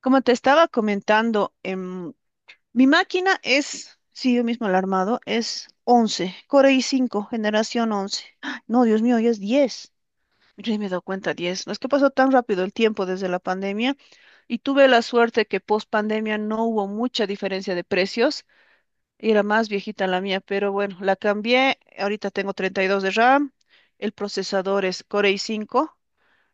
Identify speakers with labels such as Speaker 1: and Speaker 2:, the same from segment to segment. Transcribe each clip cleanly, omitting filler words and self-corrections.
Speaker 1: Como te estaba comentando, mi máquina es, sí, yo mismo la he armado, es 11 Core i5, generación 11. ¡Ah! No, Dios mío, ya es 10. Yo ni me he dado cuenta, 10. No es que pasó tan rápido el tiempo desde la pandemia y tuve la suerte que post pandemia no hubo mucha diferencia de precios. Era más viejita la mía, pero bueno, la cambié. Ahorita tengo 32 de RAM. El procesador es Core i5.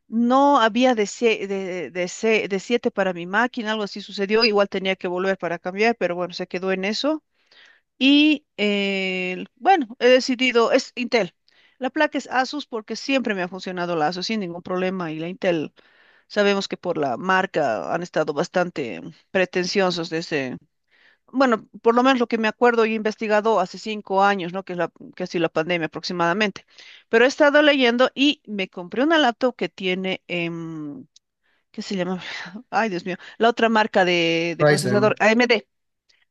Speaker 1: No había de, sie- de, se- de siete para mi máquina, algo así sucedió. Igual tenía que volver para cambiar, pero bueno, se quedó en eso. Y bueno, he decidido, es Intel. La placa es Asus porque siempre me ha funcionado la Asus sin ningún problema. Y la Intel, sabemos que por la marca han estado bastante pretenciosos desde, bueno, por lo menos lo que me acuerdo y he investigado hace 5 años, ¿no? Que es la, que ha sido la pandemia aproximadamente. Pero he estado leyendo y me compré una laptop que tiene ¿qué se llama? Ay, Dios mío. La otra marca de procesador,
Speaker 2: Ryzen,
Speaker 1: AMD.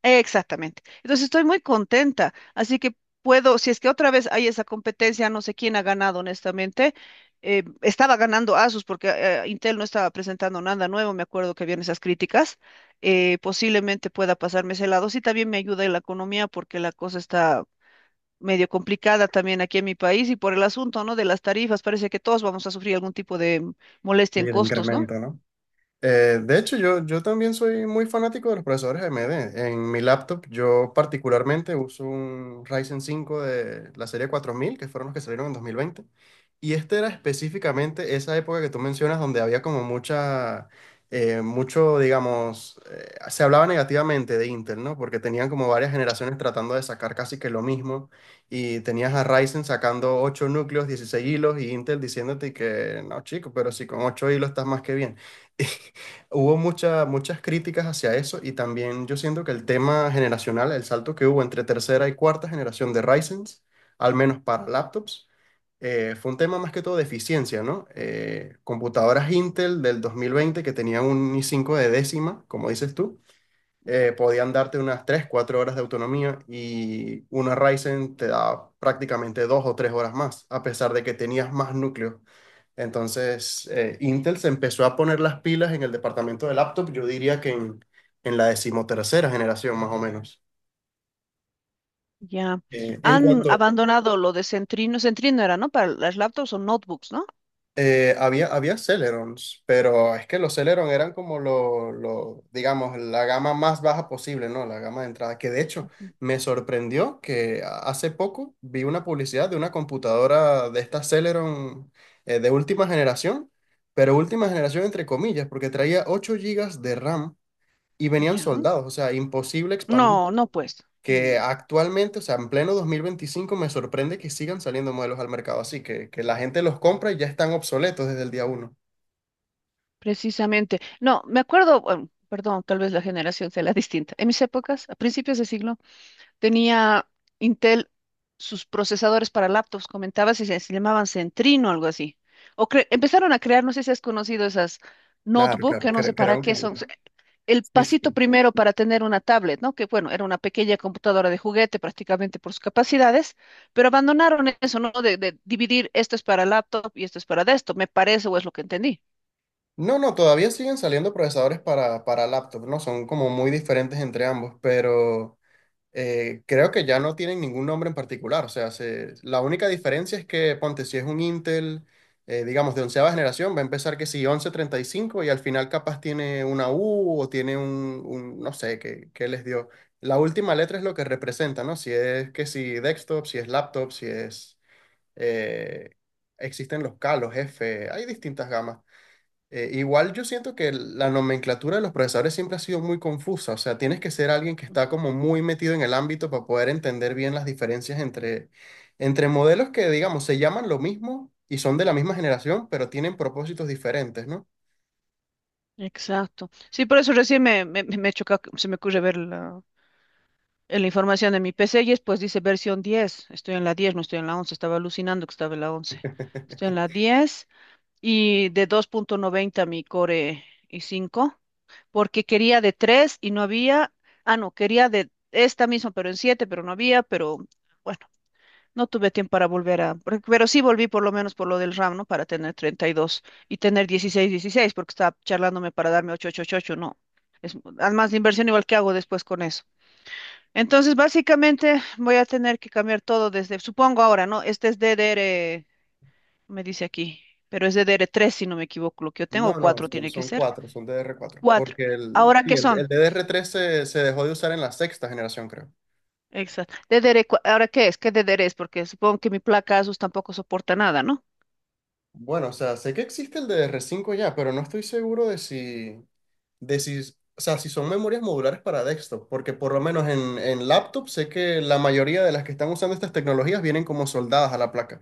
Speaker 1: Exactamente. Entonces estoy muy contenta. Así que puedo, si es que otra vez hay esa competencia, no sé quién ha ganado, honestamente. Estaba ganando Asus porque Intel no estaba presentando nada nuevo. Me acuerdo que habían esas críticas. Posiblemente pueda pasarme ese lado. Sí, también me ayuda en la economía porque la cosa está medio complicada también aquí en mi país y por el asunto, ¿no? De las tarifas, parece que todos vamos a sufrir algún tipo de molestia en
Speaker 2: el
Speaker 1: costos, ¿no?
Speaker 2: incremento, ¿no? De hecho, yo también soy muy fanático de los procesadores AMD. En mi laptop, yo particularmente uso un Ryzen 5 de la serie 4000 que fueron los que salieron en 2020. Y este era específicamente esa época que tú mencionas, donde había como mucho, digamos, se hablaba negativamente de Intel, ¿no? Porque tenían como varias generaciones tratando de sacar casi que lo mismo. Y tenías a Ryzen sacando 8 núcleos, 16 hilos, y Intel diciéndote que, no, chico, pero si con 8 hilos estás más que bien. Hubo muchas críticas hacia eso y también yo siento que el tema generacional, el salto que hubo entre tercera y cuarta generación de Ryzen, al menos para laptops, fue un tema más que todo de eficiencia, ¿no? Computadoras Intel del 2020 que tenían un i5 de décima, como dices tú, podían darte unas 3 4 horas de autonomía y una Ryzen te da prácticamente 2 o 3 horas más, a pesar de que tenías más núcleos. Entonces, Intel se empezó a poner las pilas en el departamento de laptop, yo diría que en la decimotercera generación más o menos.
Speaker 1: Ya.
Speaker 2: En
Speaker 1: Han
Speaker 2: cuanto,
Speaker 1: abandonado lo de Centrino. Centrino era, ¿no? Para las laptops o notebooks, ¿no?
Speaker 2: había Celerons, pero es que los Celeron eran como digamos, la gama más baja posible, ¿no? La gama de entrada, que de hecho
Speaker 1: Ujú.
Speaker 2: me sorprendió que hace poco vi una publicidad de una computadora de esta Celeron de última generación, pero última generación entre comillas, porque traía 8 gigas de RAM y venían
Speaker 1: Ya.
Speaker 2: soldados, o sea, imposible expandir.
Speaker 1: No, no, pues.
Speaker 2: Que
Speaker 1: No,
Speaker 2: actualmente, o sea, en pleno 2025 me sorprende que sigan saliendo modelos al mercado así, que la gente los compra y ya están obsoletos desde el día uno.
Speaker 1: precisamente. No, me acuerdo, bueno, perdón, tal vez la generación sea la distinta. En mis épocas, a principios de siglo, tenía Intel sus procesadores para laptops, comentabas, y se llamaban Centrino o algo así. Empezaron a crear, no sé si has conocido esas
Speaker 2: Claro,
Speaker 1: notebook,
Speaker 2: claro,
Speaker 1: que no sé para
Speaker 2: crearon
Speaker 1: qué
Speaker 2: como...
Speaker 1: son, el
Speaker 2: Sí,
Speaker 1: pasito
Speaker 2: sí.
Speaker 1: primero para tener una tablet, ¿no? Que bueno, era una pequeña computadora de juguete prácticamente por sus capacidades, pero abandonaron eso, ¿no? De dividir esto es para laptop y esto es para desktop, me parece o es lo que entendí.
Speaker 2: No, no, todavía siguen saliendo procesadores para laptop, ¿no? Son como muy diferentes entre ambos, pero... creo que ya no tienen ningún nombre en particular. O sea, la única diferencia es que, ponte, si es un Intel, digamos, de onceava generación, va a empezar que si 1135 y cinco y al final capaz tiene una U o tiene no sé, qué les dio. La última letra es lo que representa, ¿no? Si es que si desktop, si es laptop, si es... eh, existen los K, los F, hay distintas gamas. Igual yo siento que la nomenclatura de los procesadores siempre ha sido muy confusa, o sea, tienes que ser alguien que
Speaker 1: Mm,
Speaker 2: está como muy metido en el ámbito para poder entender bien las diferencias entre, entre modelos que, digamos, se llaman lo mismo y son de la misma generación, pero tienen propósitos diferentes, ¿no?
Speaker 1: exacto. Sí, por eso recién me choca, se me ocurre ver en la información de mi PC y después dice versión 10. Estoy en la 10, no estoy en la 11. Estaba alucinando que estaba en la 11. Estoy en la 10 y de 2.90 mi Core i cinco. Porque quería de tres y no había, ah, no, quería de esta misma, pero en siete, pero no había, pero bueno, no tuve tiempo para volver a, pero sí volví por lo menos por lo del RAM, ¿no? Para tener 32 y tener 16 16, porque estaba charlándome para darme 8 8 8 8, no. Es, además de inversión igual que hago después con eso. Entonces, básicamente voy a tener que cambiar todo desde, supongo ahora, ¿no? Este es DDR, me dice aquí, pero es ddr tres si no me equivoco, lo que yo tengo, o
Speaker 2: No, no,
Speaker 1: 4
Speaker 2: son,
Speaker 1: tiene que
Speaker 2: son
Speaker 1: ser.
Speaker 2: cuatro, son DDR4,
Speaker 1: Cuatro.
Speaker 2: porque
Speaker 1: ¿Ahora
Speaker 2: sí,
Speaker 1: qué
Speaker 2: el
Speaker 1: son?
Speaker 2: DDR3 se dejó de usar en la sexta generación, creo.
Speaker 1: Exacto. Dedere, ¿ahora qué es? ¿Qué Dedere es? Porque supongo que mi placa Asus tampoco soporta nada, ¿no?
Speaker 2: Bueno, o sea, sé que existe el DDR5 ya, pero no estoy seguro de si... de si, o sea, si son memorias modulares para desktop, porque por lo menos en laptop sé que la mayoría de las que están usando estas tecnologías vienen como soldadas a la placa.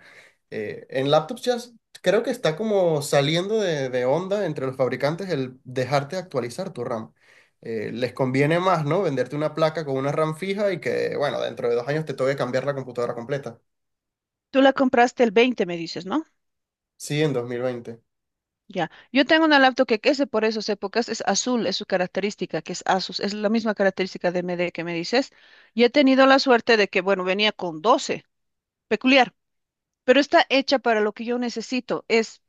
Speaker 2: En laptops ya creo que está como saliendo de onda entre los fabricantes el dejarte actualizar tu RAM. Les conviene más, ¿no? Venderte una placa con una RAM fija y que, bueno, dentro de 2 años te toque cambiar la computadora completa.
Speaker 1: Tú la compraste el 20, me dices, ¿no?
Speaker 2: Sí, en 2020.
Speaker 1: Ya. Yo tengo una laptop que es de por esas épocas, es azul, es su característica, que es Asus, es la misma característica de MD que me dices. Y he tenido la suerte de que, bueno, venía con 12, peculiar, pero está hecha para lo que yo necesito. Es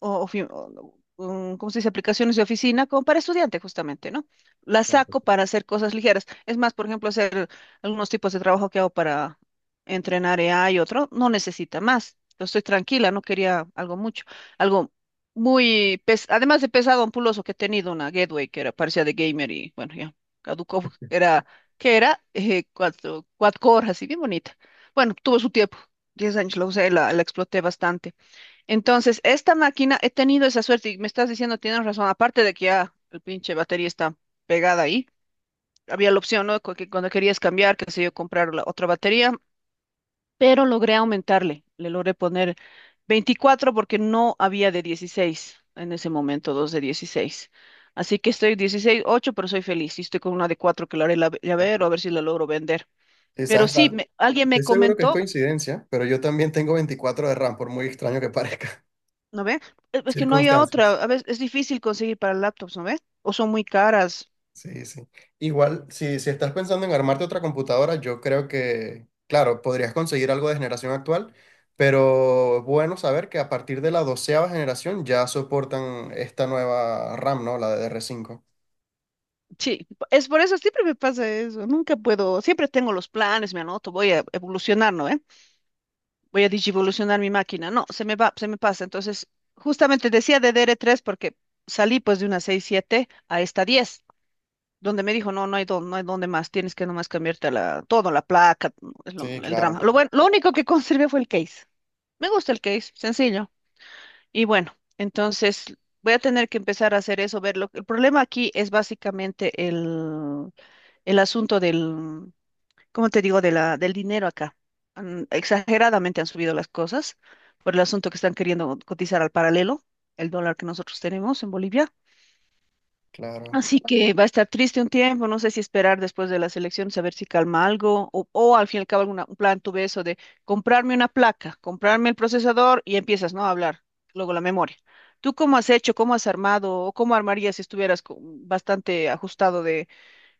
Speaker 1: o, ofi- o- um, ¿cómo se dice? Aplicaciones de oficina como para estudiante justamente, ¿no? Las saco
Speaker 2: Claro.
Speaker 1: para hacer cosas ligeras. Es más, por ejemplo, hacer algunos tipos de trabajo que hago para entrenar EA y otro, no necesita más. Entonces estoy tranquila, no quería algo mucho, algo muy, además de pesado, ampuloso, que he tenido una Gateway que era parecía de gamer y bueno, ya caducó, era, que era? Cuatro horas, así bien bonita. Bueno, tuvo su tiempo, 10 años la usé, la exploté bastante. Entonces, esta máquina, he tenido esa suerte y me estás diciendo, tienes razón, aparte de que ya el pinche batería está pegada ahí, había la opción, ¿no? Que cuando querías cambiar, qué sé yo, comprar la otra batería, pero logré aumentarle, le logré poner 24 porque no había de 16 en ese momento, dos de 16. Así que estoy 16 8 pero soy feliz y estoy con una de 4 que la haré llavero, a ver si la logro vender. Pero
Speaker 2: Quizás,
Speaker 1: sí, alguien me
Speaker 2: estoy seguro que es
Speaker 1: comentó.
Speaker 2: coincidencia, pero yo también tengo 24 de RAM, por muy extraño que parezca.
Speaker 1: ¿No ve? Es que no hay
Speaker 2: Circunstancias.
Speaker 1: otra. A veces es difícil conseguir para laptops, ¿no ve? O son muy caras.
Speaker 2: Sí, sí. Igual, si estás pensando en armarte otra computadora, yo creo que, claro, podrías conseguir algo de generación actual, pero es bueno saber que a partir de la doceava generación ya soportan esta nueva RAM, ¿no? La de DR5.
Speaker 1: Sí, es por eso, siempre me pasa eso. Nunca puedo, siempre tengo los planes, me anoto, voy a evolucionar, ¿no ve? Voy a digivolucionar mi máquina. No, se me va, se me pasa. Entonces, justamente decía de dr tres porque salí pues de una seis siete a esta 10, donde me dijo, no, no hay dónde, no hay dónde más, tienes que nomás cambiarte a la, todo, la placa, es
Speaker 2: Sí,
Speaker 1: el
Speaker 2: claro,
Speaker 1: drama. Lo
Speaker 2: claro,
Speaker 1: bueno, lo único que conservé fue el case. Me gusta el case, sencillo. Y bueno, entonces voy a tener que empezar a hacer eso, ver lo el problema aquí es básicamente el asunto del, ¿cómo te digo?, de la, del dinero acá. Exageradamente han subido las cosas por el asunto que están queriendo cotizar al paralelo, el dólar que nosotros tenemos en Bolivia.
Speaker 2: claro,
Speaker 1: Así que va a estar triste un tiempo, no sé si esperar después de las elecciones a ver si calma algo, o al fin y al cabo un plan tuve eso de comprarme una placa, comprarme el procesador y empiezas, ¿no? A hablar, luego la memoria. ¿Tú cómo has hecho, cómo has armado o cómo armarías si estuvieras bastante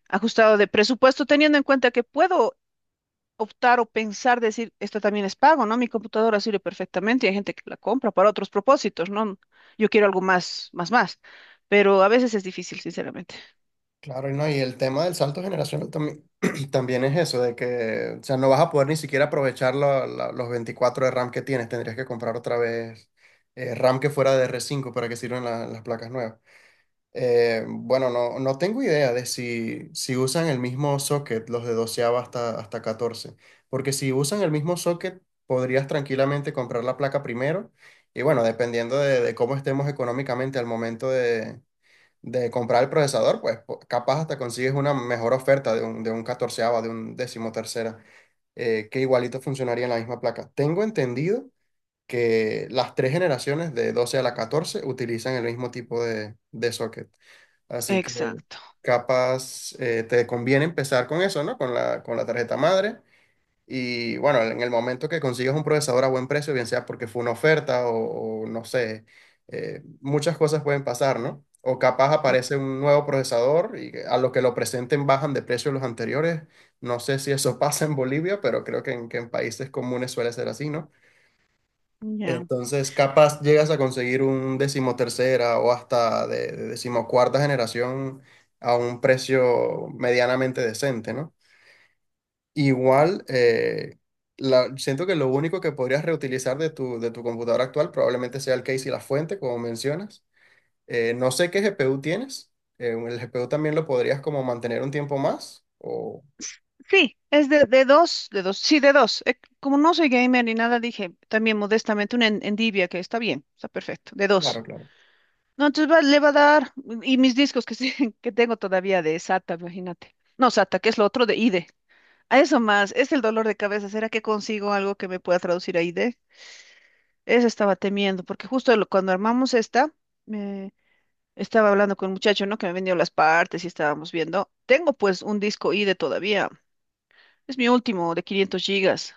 Speaker 1: ajustado de presupuesto, teniendo en cuenta que puedo optar o pensar, decir, esto también es pago, ¿no? Mi computadora sirve perfectamente y hay gente que la compra para otros propósitos, ¿no? Yo quiero algo más, más, más, pero a veces es difícil, sinceramente.
Speaker 2: claro, y no, y el tema del salto generacional también, también es eso, de que, o sea, no vas a poder ni siquiera aprovechar los 24 de RAM que tienes, tendrías que comprar otra vez RAM que fuera de DR5 para que sirvan las placas nuevas. Bueno, no, no tengo idea de si, si usan el mismo socket, los de 12 hasta, hasta 14, porque si usan el mismo socket, podrías tranquilamente comprar la placa primero y bueno, dependiendo de cómo estemos económicamente al momento de comprar el procesador, pues capaz hasta consigues una mejor oferta de un 14 de un decimotercera, que igualito funcionaría en la misma placa. Tengo entendido que las tres generaciones de 12 a la 14 utilizan el mismo tipo de socket. Así que
Speaker 1: Exacto.
Speaker 2: capaz te conviene empezar con eso, ¿no? Con la tarjeta madre. Y bueno, en el momento que consigas un procesador a buen precio, bien sea porque fue una oferta o no sé, muchas cosas pueden pasar, ¿no? O capaz
Speaker 1: Ex-
Speaker 2: aparece un nuevo procesador y a los que lo presenten bajan de precio los anteriores. No sé si eso pasa en Bolivia, pero creo que en países comunes suele ser así, ¿no?
Speaker 1: Ya.
Speaker 2: Entonces, capaz llegas a conseguir un decimotercera o hasta de decimocuarta generación a un precio medianamente decente, ¿no? Igual, siento que lo único que podrías reutilizar de tu computadora actual probablemente sea el case y la fuente, como mencionas. No sé qué GPU tienes. El GPU también lo podrías como mantener un tiempo más. O,
Speaker 1: Sí, es de dos, de dos, sí, de dos. Como no soy gamer ni nada, dije también modestamente una endivia que está bien, está perfecto, de
Speaker 2: claro,
Speaker 1: dos.
Speaker 2: claro.
Speaker 1: No, entonces le va a dar, y mis discos que, que tengo todavía de SATA, imagínate. No, SATA, que es lo otro de IDE. A eso más, es el dolor de cabeza. ¿Será que consigo algo que me pueda traducir a IDE? Eso estaba temiendo, porque justo cuando armamos esta, me estaba hablando con un muchacho, ¿no? Que me vendió las partes y estábamos viendo. Tengo pues un disco IDE todavía. Es mi último de 500 gigas.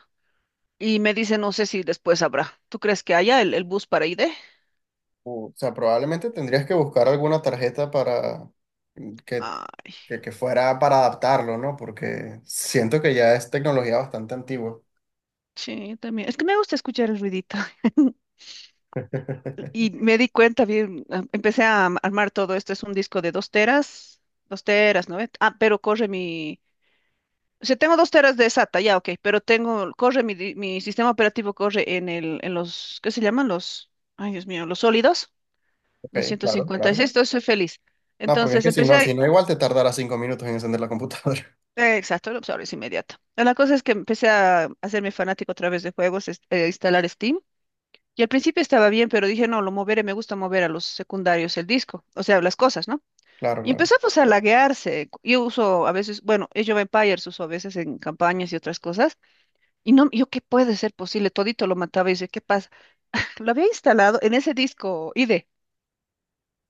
Speaker 1: Y me dice, no sé si después habrá. ¿Tú crees que haya el bus para ID?
Speaker 2: O sea, probablemente tendrías que buscar alguna tarjeta para que
Speaker 1: Ay,
Speaker 2: fuera para adaptarlo, ¿no? Porque siento que ya es tecnología bastante antigua.
Speaker 1: sí, también. Es que me gusta escuchar el ruidito. Y me di cuenta bien, ah, empecé a armar todo esto. Es un disco de 2 teras, dos teras, ¿no ve? Ah, pero corre mi... O sea, tengo 2 teras de SATA, ya, ok, pero tengo, corre mi, mi sistema operativo, corre en el, en los, ¿qué se llaman? Los, ay, Dios mío, los sólidos,
Speaker 2: Ok, claro, claro.
Speaker 1: 256, entonces soy feliz.
Speaker 2: No, porque es
Speaker 1: Entonces
Speaker 2: que si
Speaker 1: empecé
Speaker 2: no, si no
Speaker 1: a,
Speaker 2: igual te tardará 5 minutos en encender la computadora.
Speaker 1: exacto, el usuario es inmediato. La cosa es que empecé a hacerme fanático a través de juegos, instalar Steam. Y al principio estaba bien, pero dije, no, lo moveré, me gusta mover a los secundarios el disco, o sea, las cosas, ¿no?
Speaker 2: Claro,
Speaker 1: Y
Speaker 2: claro,
Speaker 1: empezó pues a laguearse. Yo uso a veces, bueno, Age of Empires uso a veces en campañas y otras cosas. Y no, yo, ¿qué puede ser posible? Todito lo mataba y dice, ¿qué pasa? Lo había instalado en ese disco ID.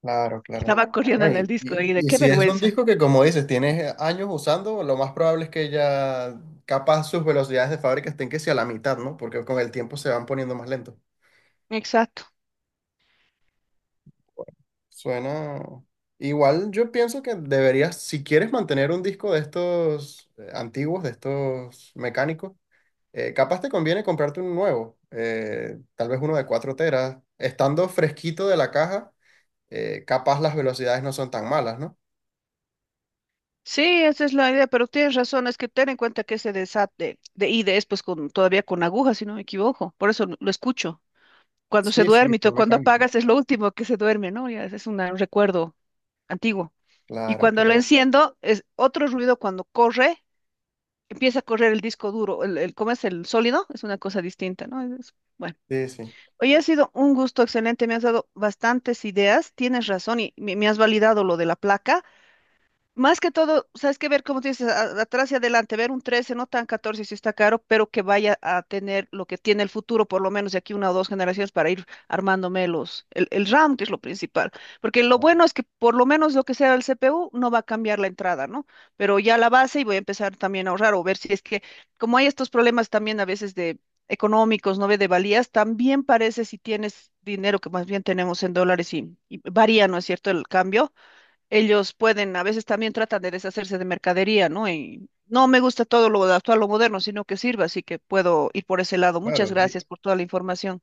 Speaker 2: claro, claro.
Speaker 1: Estaba corriendo
Speaker 2: No,
Speaker 1: en el disco ID,
Speaker 2: y
Speaker 1: qué
Speaker 2: si es un
Speaker 1: vergüenza.
Speaker 2: disco que, como dices, tienes años usando, lo más probable es que ya capaz sus velocidades de fábrica estén que sea a la mitad, ¿no? Porque con el tiempo se van poniendo más lentos.
Speaker 1: Exacto.
Speaker 2: Suena. Igual yo pienso que deberías, si quieres mantener un disco de estos antiguos, de estos mecánicos, capaz te conviene comprarte un nuevo, tal vez uno de 4 teras. Estando fresquito de la caja, capaz las velocidades no son tan malas, ¿no?
Speaker 1: Sí, esa es la idea, pero tienes razón, es que ten en cuenta que ese desate de ID es pues con, todavía con agujas, si no me equivoco, por eso lo escucho. Cuando se
Speaker 2: Sí, sí,
Speaker 1: duerme, y
Speaker 2: son
Speaker 1: cuando
Speaker 2: mecánicos.
Speaker 1: apagas es lo último que se duerme, ¿no? Ya es un recuerdo antiguo. Y
Speaker 2: Claro,
Speaker 1: cuando lo
Speaker 2: claro.
Speaker 1: enciendo, es otro ruido cuando corre, empieza a correr el disco duro, el, ¿cómo es el sólido? Es una cosa distinta, ¿no? Bueno,
Speaker 2: Sí, sí.
Speaker 1: hoy ha sido un gusto excelente, me has dado bastantes ideas, tienes razón y me has validado lo de la placa. Más que todo, sabes que ver, como tú dices, atrás y adelante, ver un 13, no tan 14 si está caro, pero que vaya a tener lo que tiene el futuro, por lo menos de aquí una o dos generaciones, para ir armándome los, el RAM, que es lo principal. Porque lo
Speaker 2: Ah,
Speaker 1: bueno es que por lo menos lo que sea el CPU no va a cambiar la entrada, ¿no? Pero ya la base y voy a empezar también a ahorrar o ver si es que, como hay estos problemas también a veces de económicos, ¿no ve? De valías, también parece si tienes dinero, que más bien tenemos en dólares y varía, ¿no es cierto?, el cambio ellos pueden, a veces también tratan de deshacerse de mercadería, ¿no? Y no me gusta todo lo actual, lo moderno, sino que sirva, así que puedo ir por ese lado. Muchas
Speaker 2: claro.
Speaker 1: gracias por toda la información.